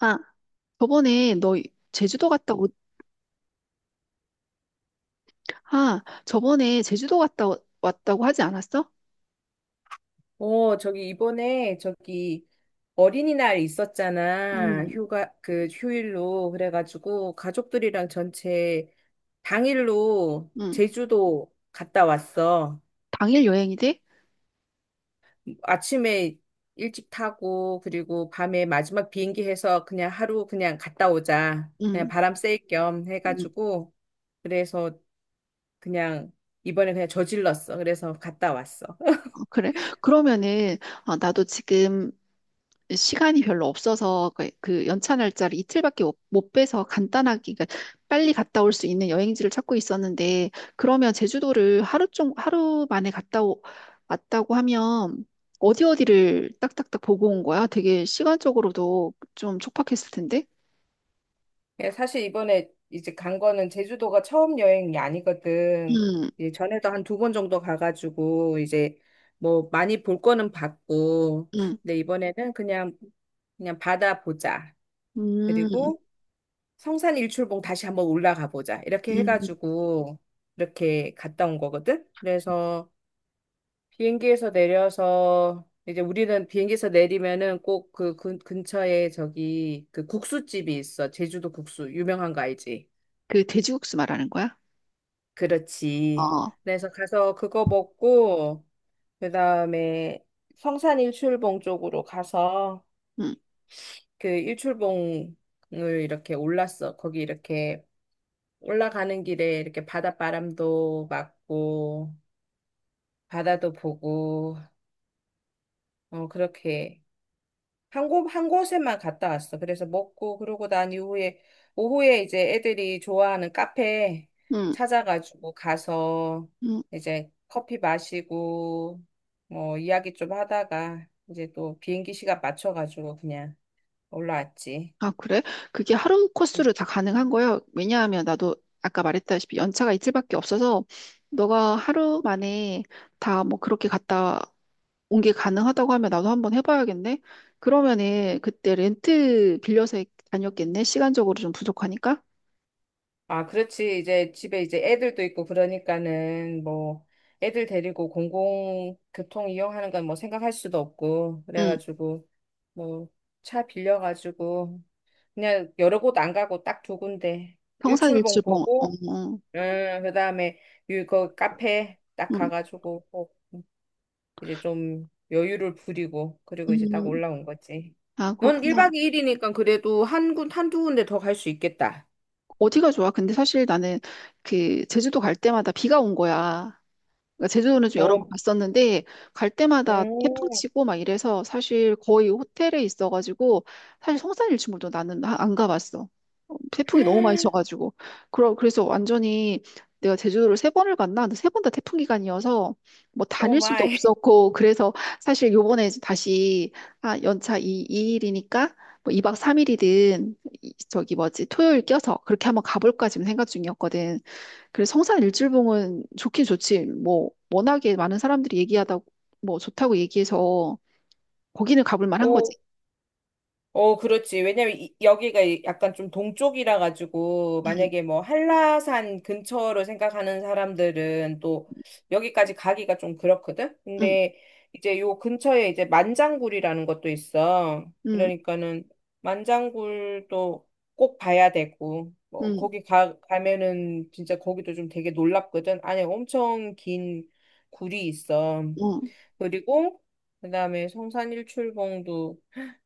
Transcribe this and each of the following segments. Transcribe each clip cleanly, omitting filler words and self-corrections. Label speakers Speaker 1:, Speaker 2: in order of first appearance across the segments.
Speaker 1: 아, 저번에 너 제주도 갔다 오, 저번에 제주도 갔다 왔다고 하지 않았어?
Speaker 2: 어, 저기 이번에 저기 어린이날 있었잖아.
Speaker 1: 응,
Speaker 2: 휴가 그 휴일로 그래가지고 가족들이랑 전체 당일로
Speaker 1: 응.
Speaker 2: 제주도 갔다 왔어.
Speaker 1: 당일 여행이 돼?
Speaker 2: 아침에 일찍 타고 그리고 밤에 마지막 비행기 해서 그냥 하루 그냥 갔다 오자. 그냥
Speaker 1: 응,
Speaker 2: 바람 쐴 겸
Speaker 1: 응.
Speaker 2: 해가지고 그래서 그냥 이번에 그냥 저질렀어. 그래서 갔다 왔어.
Speaker 1: 어, 그래. 그러면은, 나도 지금 시간이 별로 없어서 그 연차 날짜를 이틀밖에 못 빼서 간단하게, 그러니까 빨리 갔다 올 수 있는 여행지를 찾고 있었는데, 그러면 제주도를 하루 만에 갔다 왔다고 하면 어디 어디를 딱딱딱 보고 온 거야? 되게 시간적으로도 좀 촉박했을 텐데.
Speaker 2: 예, 사실 이번에 이제 간 거는 제주도가 처음 여행이 아니거든.
Speaker 1: 음,
Speaker 2: 이제 전에도 한 두 번 정도 가가지고 이제 뭐 많이 볼 거는 봤고,
Speaker 1: 음,
Speaker 2: 근데 이번에는 그냥 바다 보자.
Speaker 1: 음,
Speaker 2: 그리고 성산 일출봉 다시 한번 올라가 보자. 이렇게
Speaker 1: 음.
Speaker 2: 해가지고 이렇게 갔다 온 거거든. 그래서 비행기에서 내려서 이제 우리는 비행기에서 내리면은 꼭 그 근처에 저기 그 국수집이 있어. 제주도 국수 유명한 거 알지?
Speaker 1: 그 돼지국수 말하는 거야?
Speaker 2: 그렇지.
Speaker 1: 어,
Speaker 2: 그래서 가서 그거 먹고, 그 다음에 성산 일출봉 쪽으로 가서
Speaker 1: 음,
Speaker 2: 그 일출봉을 이렇게 올랐어. 거기 이렇게 올라가는 길에 이렇게 바닷바람도 맞고, 바다도 보고, 어, 그렇게. 한 곳, 한 곳에만 갔다 왔어. 그래서 먹고, 그러고 난 이후에, 오후에 이제 애들이 좋아하는 카페
Speaker 1: 음,
Speaker 2: 찾아가지고 가서
Speaker 1: 음.
Speaker 2: 이제 커피 마시고, 뭐, 이야기 좀 하다가 이제 또 비행기 시간 맞춰가지고 그냥 올라왔지.
Speaker 1: 아, 그래? 그게 하루 코스로 다 가능한 거예요? 왜냐하면 나도 아까 말했다시피 연차가 이틀밖에 없어서, 너가 하루 만에 다 뭐 그렇게 갔다 온 게 가능하다고 하면 나도 한번 해봐야겠네? 그러면은 그때 렌트 빌려서 다녔겠네? 시간적으로 좀 부족하니까?
Speaker 2: 아, 그렇지. 이제 집에 이제 애들도 있고 그러니까는 뭐, 애들 데리고 공공교통 이용하는 건 뭐 생각할 수도 없고,
Speaker 1: 응.
Speaker 2: 그래가지고, 뭐, 차 빌려가지고 그냥 여러 곳 안 가고 딱 두 군데. 일출봉
Speaker 1: 평산일출봉. 어,
Speaker 2: 보고,
Speaker 1: 어.
Speaker 2: 그다음에 그 카페 딱
Speaker 1: 음,
Speaker 2: 가가지고 꼭 이제 좀 여유를 부리고 그리고 이제 딱
Speaker 1: 음.
Speaker 2: 올라온 거지.
Speaker 1: 아,
Speaker 2: 넌
Speaker 1: 그렇구나.
Speaker 2: 1박 2일이니까 그래도 한 군, 한두 군데 더 갈 수 있겠다.
Speaker 1: 어디가 좋아? 근데 사실 나는 그 제주도 갈 때마다 비가 온 거야. 그러니까 제주도는 좀 여러 번
Speaker 2: 어,
Speaker 1: 갔었는데 갈 때마다 태풍
Speaker 2: 음,
Speaker 1: 치고 막 이래서 사실 거의 호텔에 있어가지고, 사실 성산일출봉도 나는 안 가봤어. 어, 태풍이 너무 많이 쳐가지고, 그래서 완전히 내가 제주도를 세 번을 갔나? 근데 세 번 다 태풍 기간이어서 뭐
Speaker 2: 오
Speaker 1: 다닐 수도
Speaker 2: 마이.
Speaker 1: 없었고, 그래서 사실 요번에 이제 다시, 연차 이이일이니까뭐, 2박 3일이든 저기 뭐지 토요일 껴서 그렇게 한번 가볼까 지금 생각 중이었거든. 그래서 성산일출봉은 좋긴 좋지. 뭐 워낙에 많은 사람들이 얘기하다 뭐 좋다고 얘기해서 거기는 가볼 만한 거지.
Speaker 2: 오, 어, 그렇지. 왜냐면 여기가 약간 좀 동쪽이라 가지고
Speaker 1: 응,
Speaker 2: 만약에 뭐 한라산 근처로 생각하는 사람들은 또 여기까지 가기가 좀 그렇거든.
Speaker 1: 응,
Speaker 2: 근데 이제 요 근처에 이제 만장굴이라는 것도 있어.
Speaker 1: 응,
Speaker 2: 그러니까는 만장굴도 꼭 봐야 되고 뭐
Speaker 1: 응,
Speaker 2: 거기 가 가면은 진짜 거기도 좀 되게 놀랍거든. 안에 엄청 긴 굴이 있어.
Speaker 1: 응,
Speaker 2: 그리고 그다음에 성산일출봉도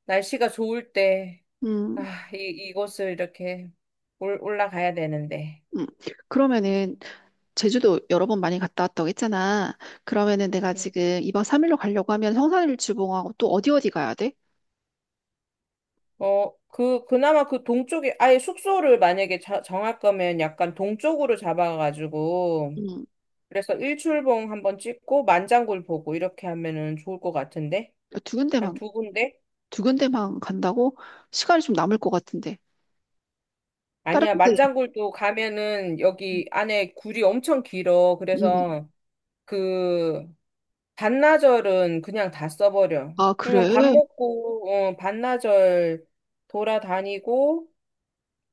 Speaker 2: 날씨가 좋을 때
Speaker 1: 응.
Speaker 2: 아, 이 이곳을 이렇게 올라가야 되는데.
Speaker 1: 응. 그러면은 제주도 여러 번 많이 갔다 왔다고 했잖아. 그러면은 내가 지금 2박 3일로 가려고 하면 성산일출봉하고 또 어디 어디 가야 돼?
Speaker 2: 어, 그 그나마 그 동쪽에 아예 숙소를 만약에 정할 거면 약간 동쪽으로 잡아가지고
Speaker 1: 응.
Speaker 2: 그래서 일출봉 한번 찍고 만장굴 보고 이렇게 하면은 좋을 것 같은데.
Speaker 1: 두
Speaker 2: 한
Speaker 1: 군데만,
Speaker 2: 두 군데?
Speaker 1: 두 군데만 간다고? 시간이 좀 남을 것 같은데. 다른
Speaker 2: 아니야,
Speaker 1: 데.
Speaker 2: 만장굴도 가면은 여기 안에 굴이 엄청 길어.
Speaker 1: 음.
Speaker 2: 그래서 그, 반나절은 그냥 다 써버려.
Speaker 1: 아, 그래?
Speaker 2: 그밥 먹고, 어, 반나절 돌아다니고,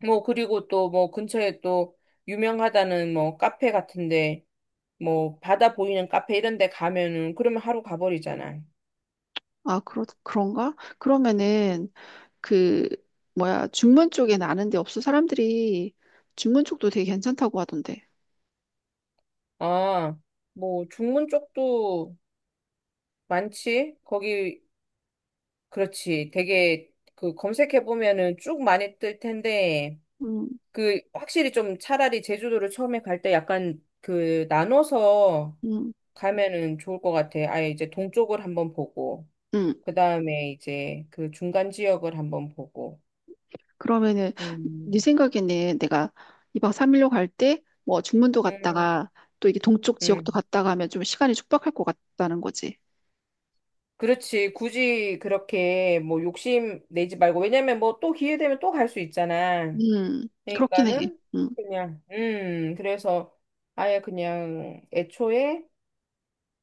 Speaker 2: 뭐, 그리고 또 뭐, 근처에 또 유명하다는 뭐, 카페 같은데, 뭐, 바다 보이는 카페 이런 데 가면은, 그러면 하루 가버리잖아.
Speaker 1: 아, 그런가? 그러면은 그 뭐야, 중문 쪽에 아는 데 없어? 사람들이 중문 쪽도 되게 괜찮다고 하던데.
Speaker 2: 아, 뭐, 중문 쪽도 많지? 거기, 그렇지. 되게, 그, 검색해보면은 쭉 많이 뜰 텐데,
Speaker 1: 음,
Speaker 2: 그, 확실히 좀 차라리 제주도를 처음에 갈 때 약간 그, 나눠서
Speaker 1: 음,
Speaker 2: 가면은 좋을 것 같아. 아예 이제 동쪽을 한번 보고,
Speaker 1: 음.
Speaker 2: 그 다음에 이제 그 중간 지역을 한번 보고.
Speaker 1: 그러면은
Speaker 2: 음,
Speaker 1: 네 생각에는 내가 2박 3일로 갈 때 뭐 중문도
Speaker 2: 음,
Speaker 1: 갔다가 또 이게 동쪽 지역도
Speaker 2: 음.
Speaker 1: 갔다가 하면 좀 시간이 촉박할 것 같다는 거지.
Speaker 2: 그렇지. 굳이 그렇게 뭐 욕심 내지 말고. 왜냐면 뭐 또 기회 되면 또 갈 수 있잖아.
Speaker 1: 음. 그렇긴 해.
Speaker 2: 그러니까는
Speaker 1: 음,
Speaker 2: 그냥, 그래서 아예 그냥 애초에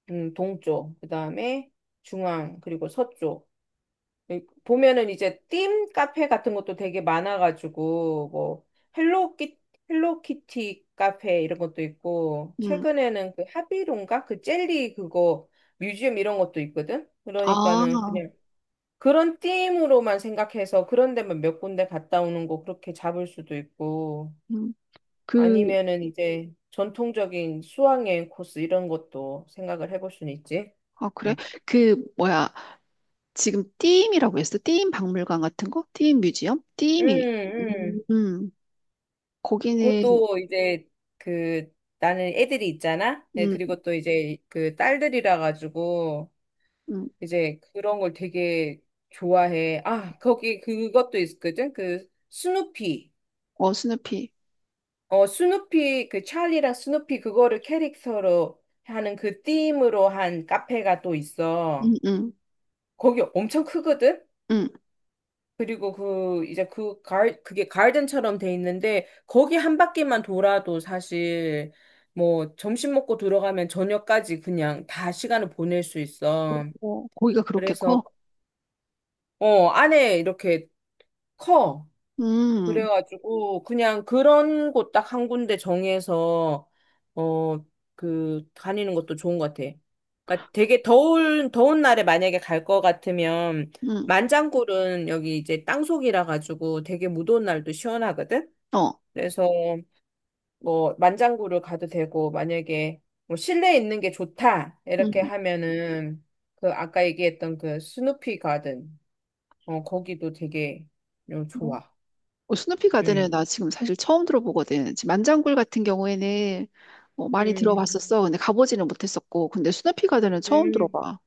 Speaker 2: 동쪽, 그 다음에 중앙, 그리고 서쪽. 예, 보면은 이제 ธี카페 같은 것도 되게 많아가지고 뭐 헬로키 헬로키티 카페 이런 것도 있고
Speaker 1: 음.
Speaker 2: 최근에는 그 하비론가 그 젤리 그거 뮤지엄 이런 것도 있거든. 그러니까는
Speaker 1: 아,
Speaker 2: 그냥 그런 ธี으로만 생각해서 그런 데만 몇 군데 갔다 오는 거 그렇게 잡을 수도 있고
Speaker 1: 음. 그.
Speaker 2: 아니면은 이제 전통적인 수학여행 코스 이런 것도 생각을 해볼 수는 있지.
Speaker 1: 아, 그래?
Speaker 2: 음,
Speaker 1: 그 뭐야, 지금 띠임이라고 했어? 띠임 박물관 같은 거? 띠임 뮤지엄? 띠임이. 음,
Speaker 2: 음.
Speaker 1: 음. 거기는.
Speaker 2: 그것도 이제 그 나는 애들이 있잖아. 네,
Speaker 1: 응.
Speaker 2: 그리고 또 이제 그 딸들이라 가지고
Speaker 1: 음.
Speaker 2: 이제 그런 걸 되게 좋아해. 아, 거기 그것도 있거든. 그 스누피.
Speaker 1: 어, 스누피.
Speaker 2: 어, 스누피 그 찰리랑 스누피 그거를 캐릭터로 하는 그 ธี으로 한 카페가 또
Speaker 1: 음,
Speaker 2: 있어.
Speaker 1: 음,
Speaker 2: 거기 엄청 크거든.
Speaker 1: 음.
Speaker 2: 그리고 그 이제 그게 가든처럼 돼 있는데 거기 한 바퀴만 돌아도 사실 뭐 점심 먹고 들어가면 저녁까지 그냥 다 시간을 보낼 수 있어.
Speaker 1: 어, 고기가 그렇게
Speaker 2: 그래서
Speaker 1: 커?
Speaker 2: 어 안에 이렇게 커.
Speaker 1: 음,
Speaker 2: 그래가지고 그냥 그런 곳 딱 한 군데 정해서 어 그 다니는 것도 좋은 것 같아. 그러니까 되게 더운 더운 날에 만약에 갈 것 같으면
Speaker 1: 음,
Speaker 2: 만장굴은 여기 이제 땅속이라 가지고 되게 무더운 날도 시원하거든.
Speaker 1: 어,
Speaker 2: 그래서 뭐 만장굴을 가도 되고 만약에 뭐 실내에 있는 게 좋다 이렇게
Speaker 1: 음.
Speaker 2: 하면은 그 아까 얘기했던 그 스누피 가든 어 거기도 되게 어,
Speaker 1: 뭐,
Speaker 2: 좋아.
Speaker 1: 스누피 가든은
Speaker 2: 음.
Speaker 1: 나 지금 사실 처음 들어보거든. 지금 만장굴 같은 경우에는 많이
Speaker 2: 음.
Speaker 1: 들어봤었어. 근데 가보지는 못했었고. 근데 스누피 가든은 처음
Speaker 2: 음.
Speaker 1: 들어봐.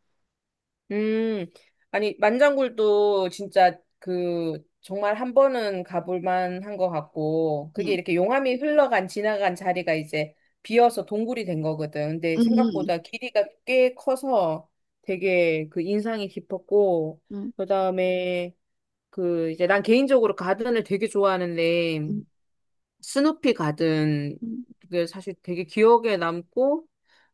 Speaker 2: 음, 아니, 만장굴도 진짜 그, 정말 한 번은 가볼 만한 것 같고, 그게
Speaker 1: 음,
Speaker 2: 이렇게 용암이 흘러간, 지나간 자리가 이제 비어서 동굴이 된 거거든. 근데
Speaker 1: 음,
Speaker 2: 생각보다 길이가 꽤 커서 되게 그 인상이 깊었고,
Speaker 1: 음,
Speaker 2: 그 다음에 그 이제 난 개인적으로 가든을 되게 좋아하는데,
Speaker 1: 음,
Speaker 2: 스누피 가든
Speaker 1: 음.
Speaker 2: 그게 사실 되게 기억에 남고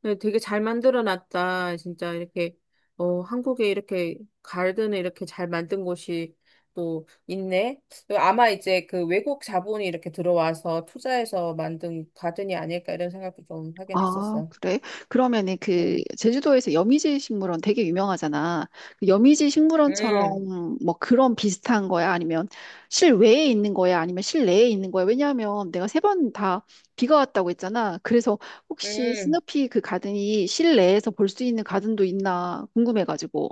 Speaker 2: 네, 되게 잘 만들어 놨다. 진짜 이렇게 어 한국에 이렇게 가든을 이렇게 잘 만든 곳이 또 있네. 아마 이제 그 외국 자본이 이렇게 들어와서 투자해서 만든 가든이 아닐까 이런 생각도 좀 하긴
Speaker 1: 아,
Speaker 2: 했었어.
Speaker 1: 그래? 그러면은 그
Speaker 2: 음,
Speaker 1: 제주도에서 여미지 식물원 되게 유명하잖아. 그 여미지
Speaker 2: 음,
Speaker 1: 식물원처럼 뭐 그런 비슷한 거야? 아니면 실외에 있는 거야? 아니면 실내에 있는 거야? 왜냐하면 내가 세 번 다 비가 왔다고 했잖아. 그래서 혹시
Speaker 2: 음,
Speaker 1: 스누피 그 가든이 실내에서 볼 수 있는 가든도 있나 궁금해가지고.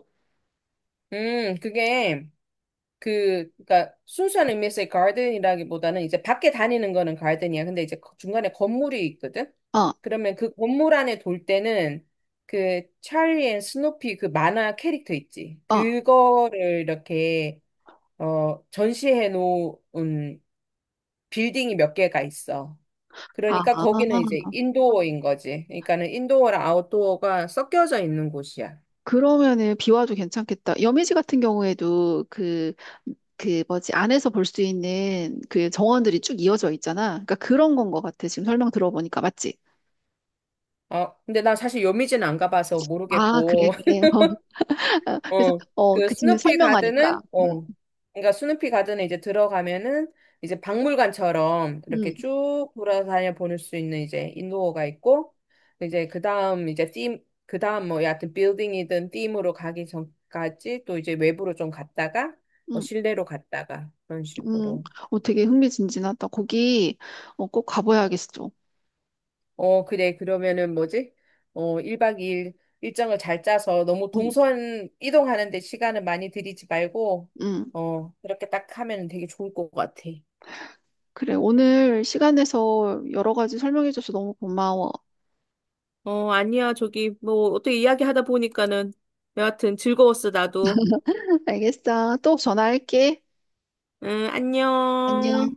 Speaker 2: 그게 그, 그니까, 순수한 의미에서의 가든이라기보다는 이제 밖에 다니는 거는 가든이야. 근데 이제 중간에 건물이 있거든?
Speaker 1: 어,
Speaker 2: 그러면 그 건물 안에 돌 때는 그 찰리 앤 스노피 그 만화 캐릭터 있지.
Speaker 1: 어, 아,
Speaker 2: 그거를 이렇게, 어, 전시해 놓은 빌딩이 몇 개가 있어.
Speaker 1: 아.
Speaker 2: 그러니까 거기는 이제 인도어인 거지. 그러니까는 인도어랑 아웃도어가 섞여져 있는 곳이야.
Speaker 1: 그러면은 비와도 괜찮겠다. 여미지 같은 경우에도 그 뭐지, 안에서 볼 수 있는 그 정원들이 쭉 이어져 있잖아. 그러니까 그런 건 것 같아. 지금 설명 들어보니까. 맞지?
Speaker 2: 어, 근데 나 사실 요미진안 가봐서
Speaker 1: 아, 그래,
Speaker 2: 모르겠고.
Speaker 1: 그래. 그래서,
Speaker 2: 어, 그
Speaker 1: 그 지금
Speaker 2: 스누피
Speaker 1: 설명하니까.
Speaker 2: 가든은, 어, 그러니까 스누피 가든에 이제 들어가면은 이제 박물관처럼 이렇게
Speaker 1: 음,
Speaker 2: 쭉 돌아다녀 보낼 수 있는 이제 인도어가 있고, 이제 그 다음 이제 팀, 그 다음 뭐 여하튼 빌딩이든 팀으로 가기 전까지 또 이제 외부로 좀 갔다가, 뭐
Speaker 1: 음,
Speaker 2: 실내로 갔다가 그런
Speaker 1: 음.
Speaker 2: 식으로.
Speaker 1: 어, 되게 흥미진진하다. 거기. 꼭 가봐야겠어.
Speaker 2: 어, 그래. 그러면은 뭐지? 어, 1박 2일 일정을 잘 짜서 너무
Speaker 1: 음,
Speaker 2: 동선 이동하는데 시간을 많이 들이지 말고,
Speaker 1: 음.
Speaker 2: 어, 그렇게 딱 하면 되게 좋을 것 같아.
Speaker 1: 그래, 오늘 시간 내서 여러 가지 설명해줘서 너무 고마워.
Speaker 2: 어, 아니야. 저기, 뭐, 어떻게 이야기하다 보니까는 여하튼 즐거웠어, 나도.
Speaker 1: 알겠어. 또 전화할게.
Speaker 2: 응,
Speaker 1: 안녕.
Speaker 2: 안녕.